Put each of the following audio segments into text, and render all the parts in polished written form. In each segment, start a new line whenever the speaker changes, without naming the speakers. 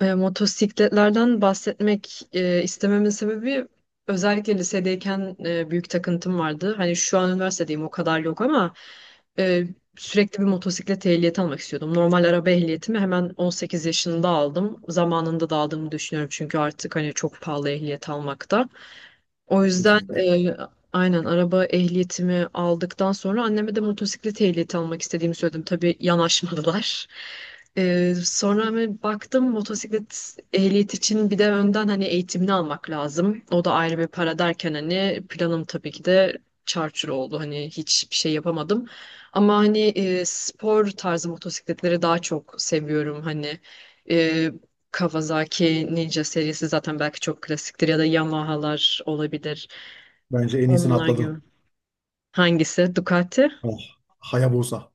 Motosikletlerden bahsetmek istememin sebebi özellikle lisedeyken büyük takıntım vardı. Hani şu an üniversitedeyim, o kadar yok ama e, sürekli bir motosiklet ehliyeti almak istiyordum. Normal araba ehliyetimi hemen 18 yaşında aldım. Zamanında da aldığımı düşünüyorum çünkü artık hani çok pahalı ehliyet almakta. O yüzden
Kesinlikle.
aynen araba ehliyetimi aldıktan sonra anneme de motosiklet ehliyeti almak istediğimi söyledim. Tabii yanaşmadılar. Sonra hani baktım, motosiklet ehliyet için bir de önden hani eğitimini almak lazım. O da ayrı bir para derken hani planım tabii ki de çarçur oldu. Hani hiçbir şey yapamadım. Ama hani spor tarzı motosikletleri daha çok seviyorum. Hani e, Kawasaki Ninja serisi zaten belki çok klasiktir ya da Yamaha'lar olabilir.
Bence en iyisini
Onlar gibi.
atladın.
Hangisi? Ducati?
Oh, Hayabusa.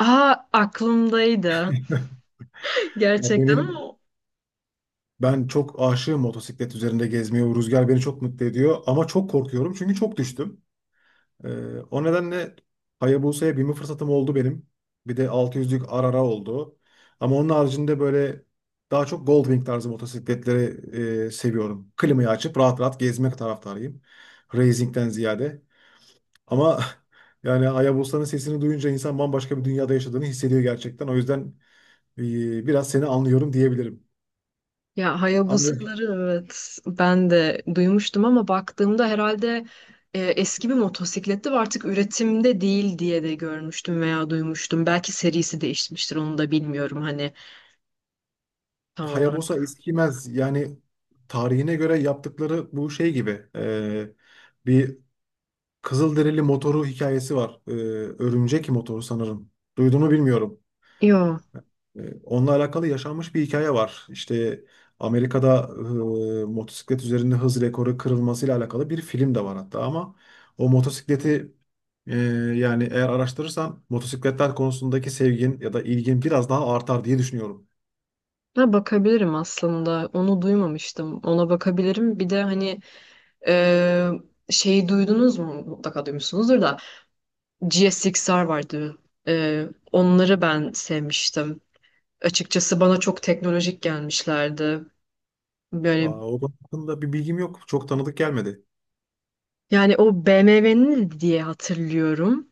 Aa, aklımdaydı.
Ya
Gerçekten,
benim
ama
ben çok aşığım motosiklet üzerinde gezmeye. O rüzgar beni çok mutlu ediyor ama çok korkuyorum çünkü çok düştüm. O nedenle Hayabusa'ya binme fırsatım oldu benim. Bir de 600'lük Arara oldu. Ama onun haricinde böyle daha çok Goldwing tarzı motosikletleri seviyorum. Klimayı açıp rahat rahat gezmek taraftarıyım. Racing'den ziyade. Ama yani Ayabosa'nın sesini duyunca insan bambaşka bir dünyada yaşadığını hissediyor gerçekten. O yüzden e, biraz seni anlıyorum diyebilirim.
ya
Ama
Hayabusa'ları, evet ben de duymuştum ama baktığımda herhalde eski bir motosikletti ve artık üretimde değil diye de görmüştüm veya duymuştum. Belki serisi değişmiştir, onu da bilmiyorum hani tam
Hayabusa
olarak.
eskimez. Yani tarihine göre yaptıkları bu şey gibi. Bir Kızılderili motoru hikayesi var. Örümcek motoru sanırım. Duyduğunu bilmiyorum.
Yo.
Onunla alakalı yaşanmış bir hikaye var. İşte Amerika'da motosiklet üzerinde hız rekoru kırılmasıyla alakalı bir film de var hatta ama o motosikleti e, yani eğer araştırırsan motosikletler konusundaki sevgin ya da ilgin biraz daha artar diye düşünüyorum.
Ha, bakabilirim aslında. Onu duymamıştım. Ona bakabilirim. Bir de hani Ee, şeyi duydunuz mu? Mutlaka duymuşsunuzdur da. GSX-R vardı. Onları ben sevmiştim. Açıkçası bana çok teknolojik gelmişlerdi.
Aa,
Böyle,
o konu hakkında bir bilgim yok. Çok tanıdık gelmedi.
yani o BMW'nin diye hatırlıyorum.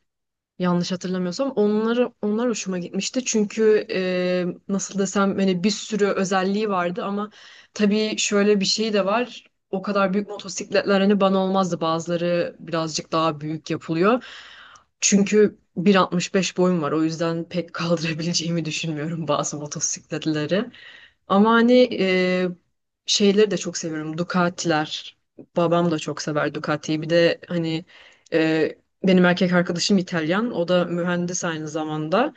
Yanlış hatırlamıyorsam onlar hoşuma gitmişti. Çünkü nasıl desem hani bir sürü özelliği vardı ama tabii şöyle bir şey de var. O kadar büyük motosikletler hani bana olmazdı. Bazıları birazcık daha büyük yapılıyor. Çünkü 1,65 boyum var. O yüzden pek kaldırabileceğimi düşünmüyorum bazı motosikletleri. Ama hani şeyleri de çok seviyorum. Ducati'ler. Babam da çok sever Ducati'yi. Bir de hani e, benim erkek arkadaşım İtalyan. O da mühendis aynı zamanda.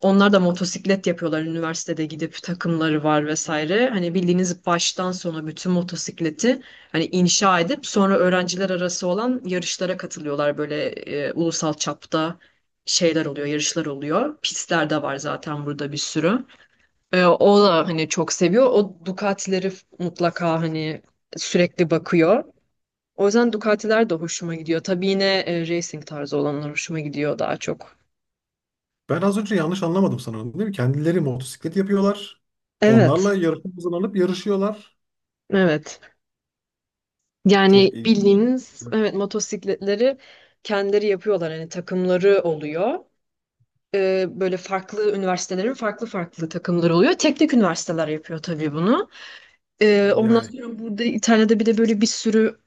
Onlar da motosiklet yapıyorlar. Üniversitede gidip takımları var vesaire. Hani bildiğiniz baştan sona bütün motosikleti hani inşa edip sonra öğrenciler arası olan yarışlara katılıyorlar. Böyle ulusal çapta şeyler oluyor, yarışlar oluyor. Pistler de var zaten burada bir sürü. O da hani çok seviyor. O Ducati'leri mutlaka hani sürekli bakıyor. O yüzden Ducati'ler de hoşuma gidiyor. Tabii yine racing tarzı olanlar hoşuma gidiyor daha çok.
Ben az önce yanlış anlamadım sanırım, değil mi? Kendileri motosiklet yapıyorlar.
Evet,
Onlarla yarışa hazırlanıp yarışıyorlar.
evet. Yani
Çok ilginç.
bildiğiniz, evet, motosikletleri kendileri yapıyorlar. Hani takımları oluyor. Böyle farklı üniversitelerin farklı farklı takımları oluyor. Teknik üniversiteler yapıyor tabii bunu. Ondan
Yani
sonra burada İtalya'da bir de böyle bir sürü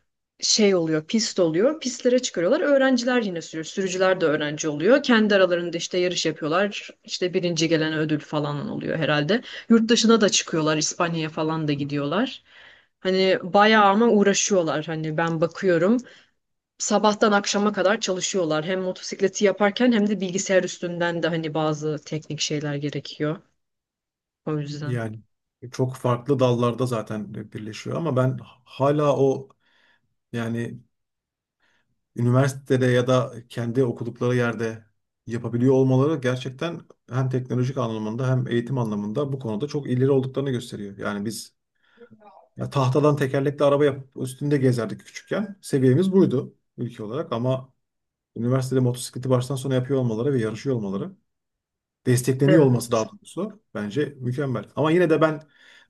şey oluyor, pist oluyor. Pistlere çıkarıyorlar. Öğrenciler yine sürüyor. Sürücüler de öğrenci oluyor. Kendi aralarında işte yarış yapıyorlar. İşte birinci gelen ödül falan oluyor herhalde. Yurt dışına da çıkıyorlar. İspanya'ya falan da gidiyorlar. Hani bayağı ama uğraşıyorlar. Hani ben bakıyorum. Sabahtan akşama kadar çalışıyorlar. Hem motosikleti yaparken hem de bilgisayar üstünden de hani bazı teknik şeyler gerekiyor. O yüzden.
Yani çok farklı dallarda zaten birleşiyor ama ben hala o yani üniversitede ya da kendi okudukları yerde yapabiliyor olmaları gerçekten hem teknolojik anlamında hem eğitim anlamında bu konuda çok ileri olduklarını gösteriyor. Yani biz ya tahtadan tekerlekli araba yapıp üstünde gezerdik küçükken. Seviyemiz buydu ülke olarak ama üniversitede motosikleti baştan sona yapıyor olmaları ve yarışıyor olmaları, destekleniyor olması
Evet.
daha doğrusu bence mükemmel. Ama yine de ben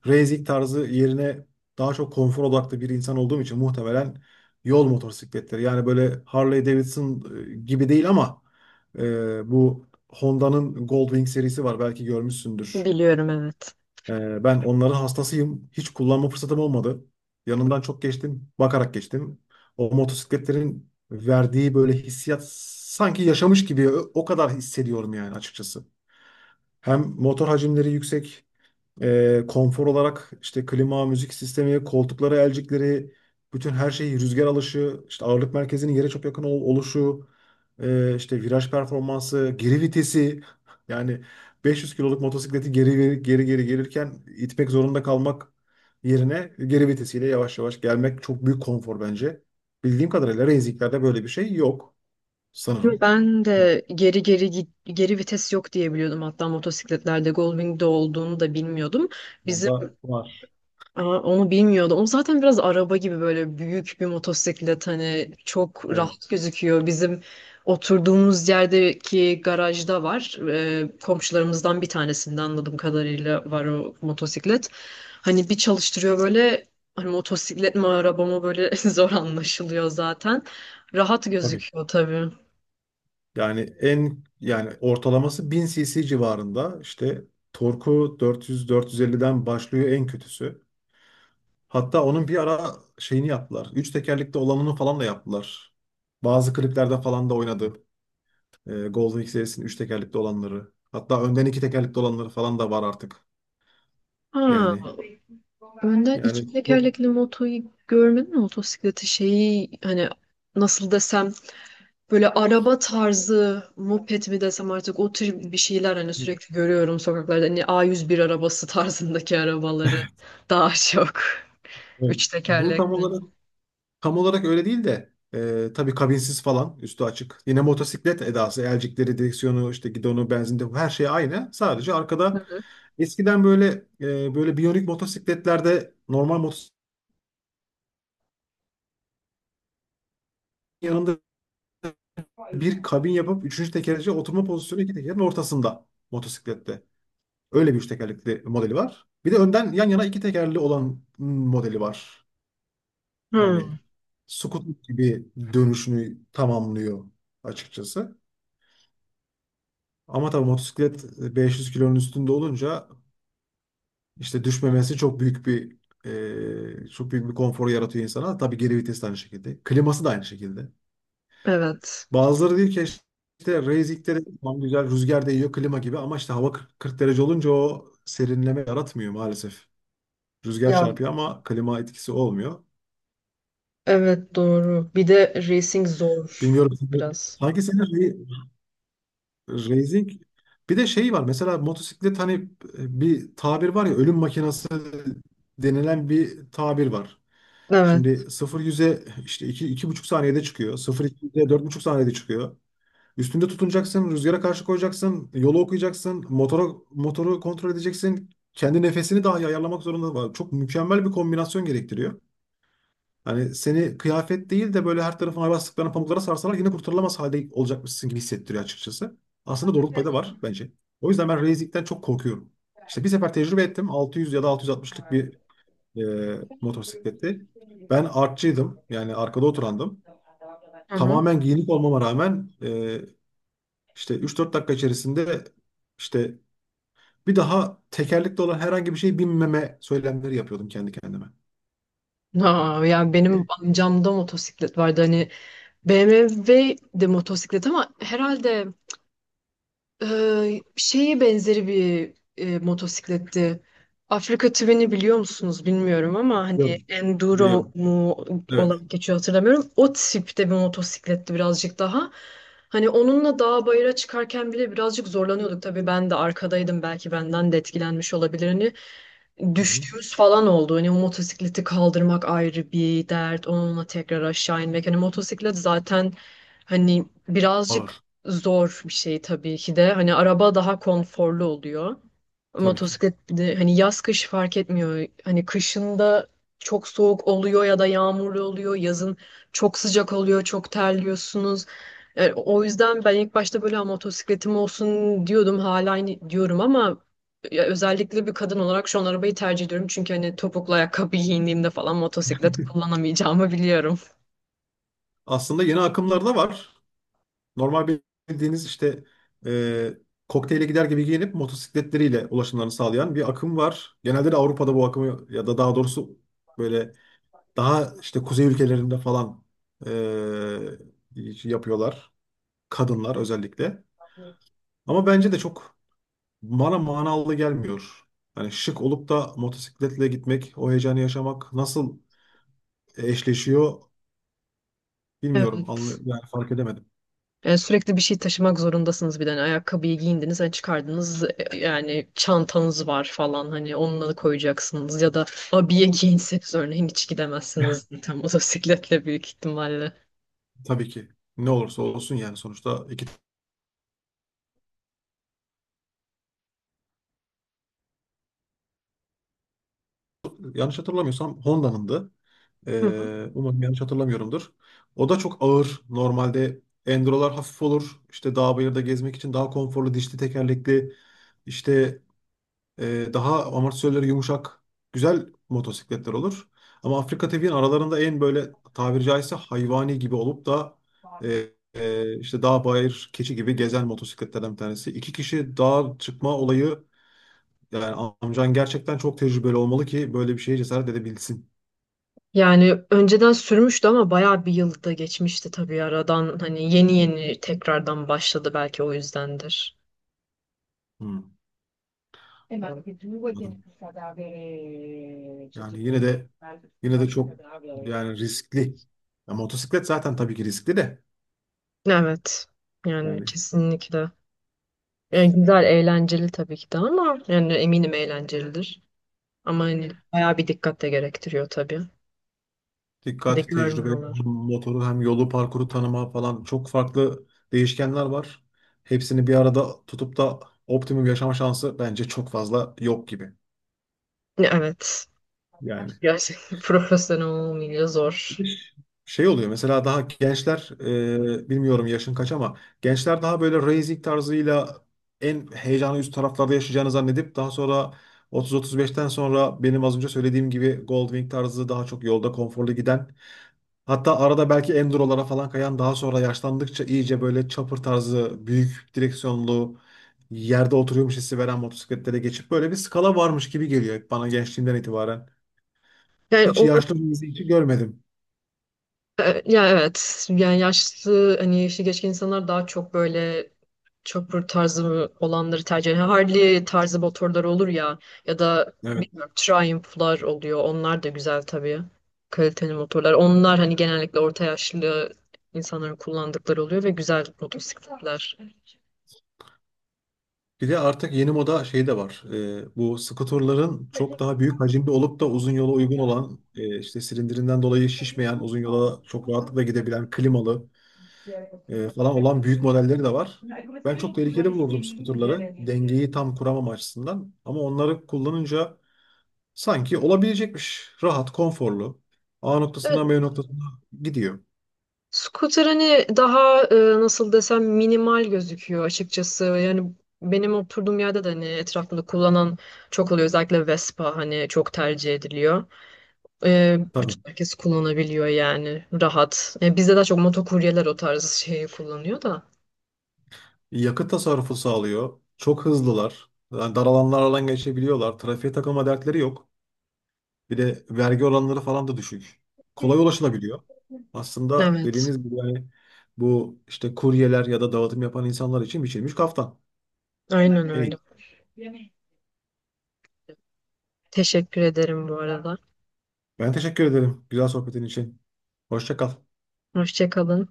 racing tarzı yerine daha çok konfor odaklı bir insan olduğum için muhtemelen yol motosikletleri, yani böyle Harley Davidson gibi değil ama e, bu Honda'nın Goldwing serisi var, belki görmüşsündür.
Biliyorum, evet.
Ben onların hastasıyım. Hiç kullanma fırsatım olmadı. Yanından çok geçtim. Bakarak geçtim. O motosikletlerin verdiği böyle hissiyat sanki yaşamış gibi o kadar hissediyorum yani açıkçası. Hem motor hacimleri yüksek. Konfor olarak işte klima, müzik sistemi, koltukları, elcikleri, bütün her şeyi, rüzgar alışı, işte ağırlık merkezinin yere çok yakın oluşu, işte viraj performansı, geri vitesi. Yani 500 kiloluk motosikleti geri geri gelirken itmek zorunda kalmak yerine geri vitesiyle yavaş yavaş gelmek çok büyük konfor bence. Bildiğim kadarıyla racing'lerde böyle bir şey yok sanırım.
Ben de geri geri git, geri vites yok diye biliyordum. Hatta motosikletlerde Goldwing'de olduğunu da bilmiyordum. Bizim
Onda var.
Aa, onu bilmiyordum. O zaten biraz araba gibi böyle büyük bir motosiklet, hani çok
Evet,
rahat gözüküyor. Bizim oturduğumuz yerdeki garajda var. Komşularımızdan bir tanesinde anladığım kadarıyla var o motosiklet. Hani bir çalıştırıyor böyle, hani motosiklet mi araba mı böyle zor anlaşılıyor zaten. Rahat
tabii.
gözüküyor tabii.
Yani en yani ortalaması 1000 cc civarında, işte torku 400-450'den başlıyor en kötüsü. Hatta onun bir ara şeyini yaptılar. Üç tekerlekli olanını falan da yaptılar. Bazı kliplerde falan da oynadı. Golden X serisinin üç tekerlekli olanları. Hatta önden iki tekerlekli olanları falan da var artık.
Ha.
Yani
Önden iki
yani
tekerlekli motoyu görmedin mi, motosikleti, şeyi hani nasıl desem böyle araba tarzı moped mi desem artık, o tür bir şeyler hani sürekli görüyorum sokaklarda, hani A101 arabası tarzındaki arabaları daha çok,
evet.
üç
Bu tam
tekerlekli.
olarak Tam olarak öyle değil de tabii kabinsiz falan üstü açık. Yine motosiklet edası, elcikleri, direksiyonu, işte gidonu, benzinde her şey aynı. Sadece
Hı
arkada
hı.
eskiden böyle böyle biyonik motosikletlerde normal motosikletin yanında bir kabin yapıp üçüncü tekerleci, oturma pozisyonu iki tekerin ortasında motosiklette. Öyle bir üç tekerlekli modeli var. Bir de önden yan yana iki tekerli olan modeli var. Yani
Hmm.
scooter gibi dönüşünü tamamlıyor açıkçası. Ama tabii motosiklet 500 kilonun üstünde olunca işte düşmemesi çok büyük bir çok büyük bir konfor yaratıyor insana. Tabii geri vites de aynı şekilde. Kliması da aynı şekilde.
Evet.
Bazıları diyor ki işte racing'de de tamam güzel rüzgar değiyor klima gibi ama işte hava 40 derece olunca o serinleme yaratmıyor maalesef. Rüzgar
Ya
çarpıyor ama klima etkisi olmuyor.
evet, doğru. Bir de racing zor
Bilmiyorum.
biraz.
Sanki senin Racing, bir de şey var mesela motosiklet hani bir tabir var ya, ölüm makinası denilen bir tabir var.
Evet.
Şimdi 0-100'e işte 2-2,5 saniyede çıkıyor. 0 4,5 saniyede çıkıyor. Üstünde tutunacaksın, rüzgara karşı koyacaksın, yolu okuyacaksın, motoru kontrol edeceksin. Kendi nefesini dahi ayarlamak zorunda var. Çok mükemmel bir kombinasyon gerektiriyor. Hani seni kıyafet değil de böyle her tarafına bastıklarına pamuklara sarsalar yine kurtarılamaz halde olacakmışsın gibi hissettiriyor açıkçası. Aslında doğruluk payı da var bence. O yüzden ben racing'den çok korkuyorum. İşte bir sefer tecrübe ettim. 600 ya da 660'lık bir e, motosikletti. Ben artçıydım. Yani arkada oturandım.
Hı hı.
Tamamen giyinik olmama rağmen işte 3-4 dakika içerisinde işte bir daha tekerlekli olan herhangi bir şey binmeme söylemleri yapıyordum kendi kendime.
Ha, ya benim amcamda motosiklet vardı hani, BMW de motosiklet ama herhalde şeyi benzeri bir motosikletti. Afrika Twin'i biliyor musunuz bilmiyorum ama hani
Biliyorum.
Enduro
Biliyorum.
mu
Evet.
olarak geçiyor, hatırlamıyorum. O tipte bir motosikletti birazcık daha. Hani onunla dağ bayıra çıkarken bile birazcık zorlanıyorduk. Tabii ben de arkadaydım, belki benden de etkilenmiş olabilir. Hani
Hı hı.
düştüğümüz falan oldu. Hani o motosikleti kaldırmak ayrı bir dert. Onunla tekrar aşağı inmek. Hani motosiklet zaten hani birazcık
Ağır.
zor bir şey tabii ki de. Hani araba daha konforlu oluyor.
Tabii ki.
Motosiklet bir de hani yaz kış fark etmiyor. Hani kışında çok soğuk oluyor ya da yağmurlu oluyor. Yazın çok sıcak oluyor, çok terliyorsunuz. Yani o yüzden ben ilk başta böyle "Ha, motosikletim olsun" diyordum. Hala aynı diyorum ama ya, özellikle bir kadın olarak şu an arabayı tercih ediyorum. Çünkü hani topuklu ayakkabı giyindiğimde falan motosiklet kullanamayacağımı biliyorum.
Aslında yeni akımlar da var. Normal bildiğiniz işte e, kokteyle gider gibi giyinip motosikletleriyle ulaşımlarını sağlayan bir akım var. Genelde de Avrupa'da bu akımı ya da daha doğrusu böyle daha işte kuzey ülkelerinde falan e, yapıyorlar. Kadınlar özellikle. Ama bence de çok bana manalı gelmiyor. Hani şık olup da motosikletle gitmek, o heyecanı yaşamak nasıl eşleşiyor bilmiyorum.
Evet.
Yani fark edemedim.
Yani sürekli bir şey taşımak zorundasınız bir de. Hani ayakkabıyı giyindiniz, hani çıkardınız, yani çantanız var falan, hani onunla da koyacaksınız ya da abiye giyinseniz örneğin, hiç gidemezsiniz tam motosikletle büyük ihtimalle.
Tabii ki ne olursa olsun yani sonuçta iki, yanlış hatırlamıyorsam Honda'nındı.
Hı hı.
Umarım yanlış hatırlamıyorumdur. O da çok ağır. Normalde Enduro'lar hafif olur. İşte dağ bayırda gezmek için daha konforlu, dişli tekerlekli, işte daha amortisörleri yumuşak güzel motosikletler olur. Ama Afrika TV'nin aralarında en böyle tabiri caizse hayvani gibi olup da e, işte dağ bayır keçi gibi gezen motosikletlerden bir tanesi. İki kişi dağa çıkma olayı. Yani amcan gerçekten çok tecrübeli olmalı ki böyle bir şeye cesaret edebilsin.
Yani önceden sürmüştü ama bayağı bir yılda geçmişti tabii aradan, hani yeni yeni tekrardan başladı, belki o yüzdendir.
Hmm, anladım. Yani yine de yine de çok, yani riskli. Ya motosiklet zaten tabii ki riskli de.
Evet. Yani
Yani
kesinlikle. Yani güzel, eğlenceli tabii ki de ama yani eminim eğlencelidir. Ama hani bayağı bir dikkat de gerektiriyor tabii. Bir de
dikkat, tecrübe,
görmüyorlar.
motoru hem yolu, parkuru tanıma falan çok farklı değişkenler var. Hepsini bir arada tutup da optimum yaşama şansı bence çok fazla yok gibi.
Evet.
Yani.
Gerçekten profesyonel olmayınca zor.
Şey oluyor mesela daha gençler bilmiyorum yaşın kaç ama gençler daha böyle racing tarzıyla en heyecanı üst taraflarda yaşayacağını zannedip daha sonra 30-35'ten sonra benim az önce söylediğim gibi Goldwing tarzı daha çok yolda konforlu giden hatta arada belki Enduro'lara falan kayan daha sonra yaşlandıkça iyice böyle chopper tarzı büyük direksiyonlu yerde oturuyormuş hissi veren motosikletlere geçip böyle bir skala varmış gibi geliyor bana gençliğimden itibaren.
Yani
Hiç
o.
yaşlı birisi hiç görmedim.
Ya evet, yani yaşlı, hani yaşı geçkin insanlar daha çok böyle chopper tarzı olanları tercih ediyor. Harley tarzı motorlar olur ya, ya da bilmiyorum Triumph'lar oluyor. Onlar da güzel tabii. Kaliteli motorlar. Onlar hani genellikle orta yaşlı insanların kullandıkları oluyor ve güzel motosikletler.
Bir de artık yeni moda şey de var. Bu skuterların çok daha büyük hacimli olup da uzun yola uygun olan, işte silindirinden dolayı şişmeyen, uzun yola çok rahatlıkla gidebilen, klimalı falan olan büyük modelleri de var. Ben çok tehlikeli bulurdum skuterları. Dengeyi tam kuramam açısından. Ama onları kullanınca sanki olabilecekmiş. Rahat, konforlu. A noktasından
Evet.
B noktasına gidiyor.
Scooter hani daha nasıl desem minimal gözüküyor açıkçası. Yani benim oturduğum yerde de hani etrafında kullanan çok oluyor. Özellikle Vespa hani çok tercih ediliyor. E,
Tabii.
bütün herkes kullanabiliyor yani, rahat. Bizde daha çok motokuryeler o tarz şeyi kullanıyor da.
Yakıt tasarrufu sağlıyor. Çok hızlılar. Yani dar alanlardan geçebiliyorlar. Trafiğe takılma dertleri yok. Bir de vergi oranları falan da düşük. Kolay ulaşılabiliyor. Aslında
Evet,
dediğiniz gibi yani bu işte kuryeler ya da dağıtım yapan insanlar için biçilmiş kaftan.
aynen
En iyi.
öyle. Teşekkür ederim bu arada.
Ben teşekkür ederim güzel sohbetin için. Hoşça kal.
Hoşça kalın.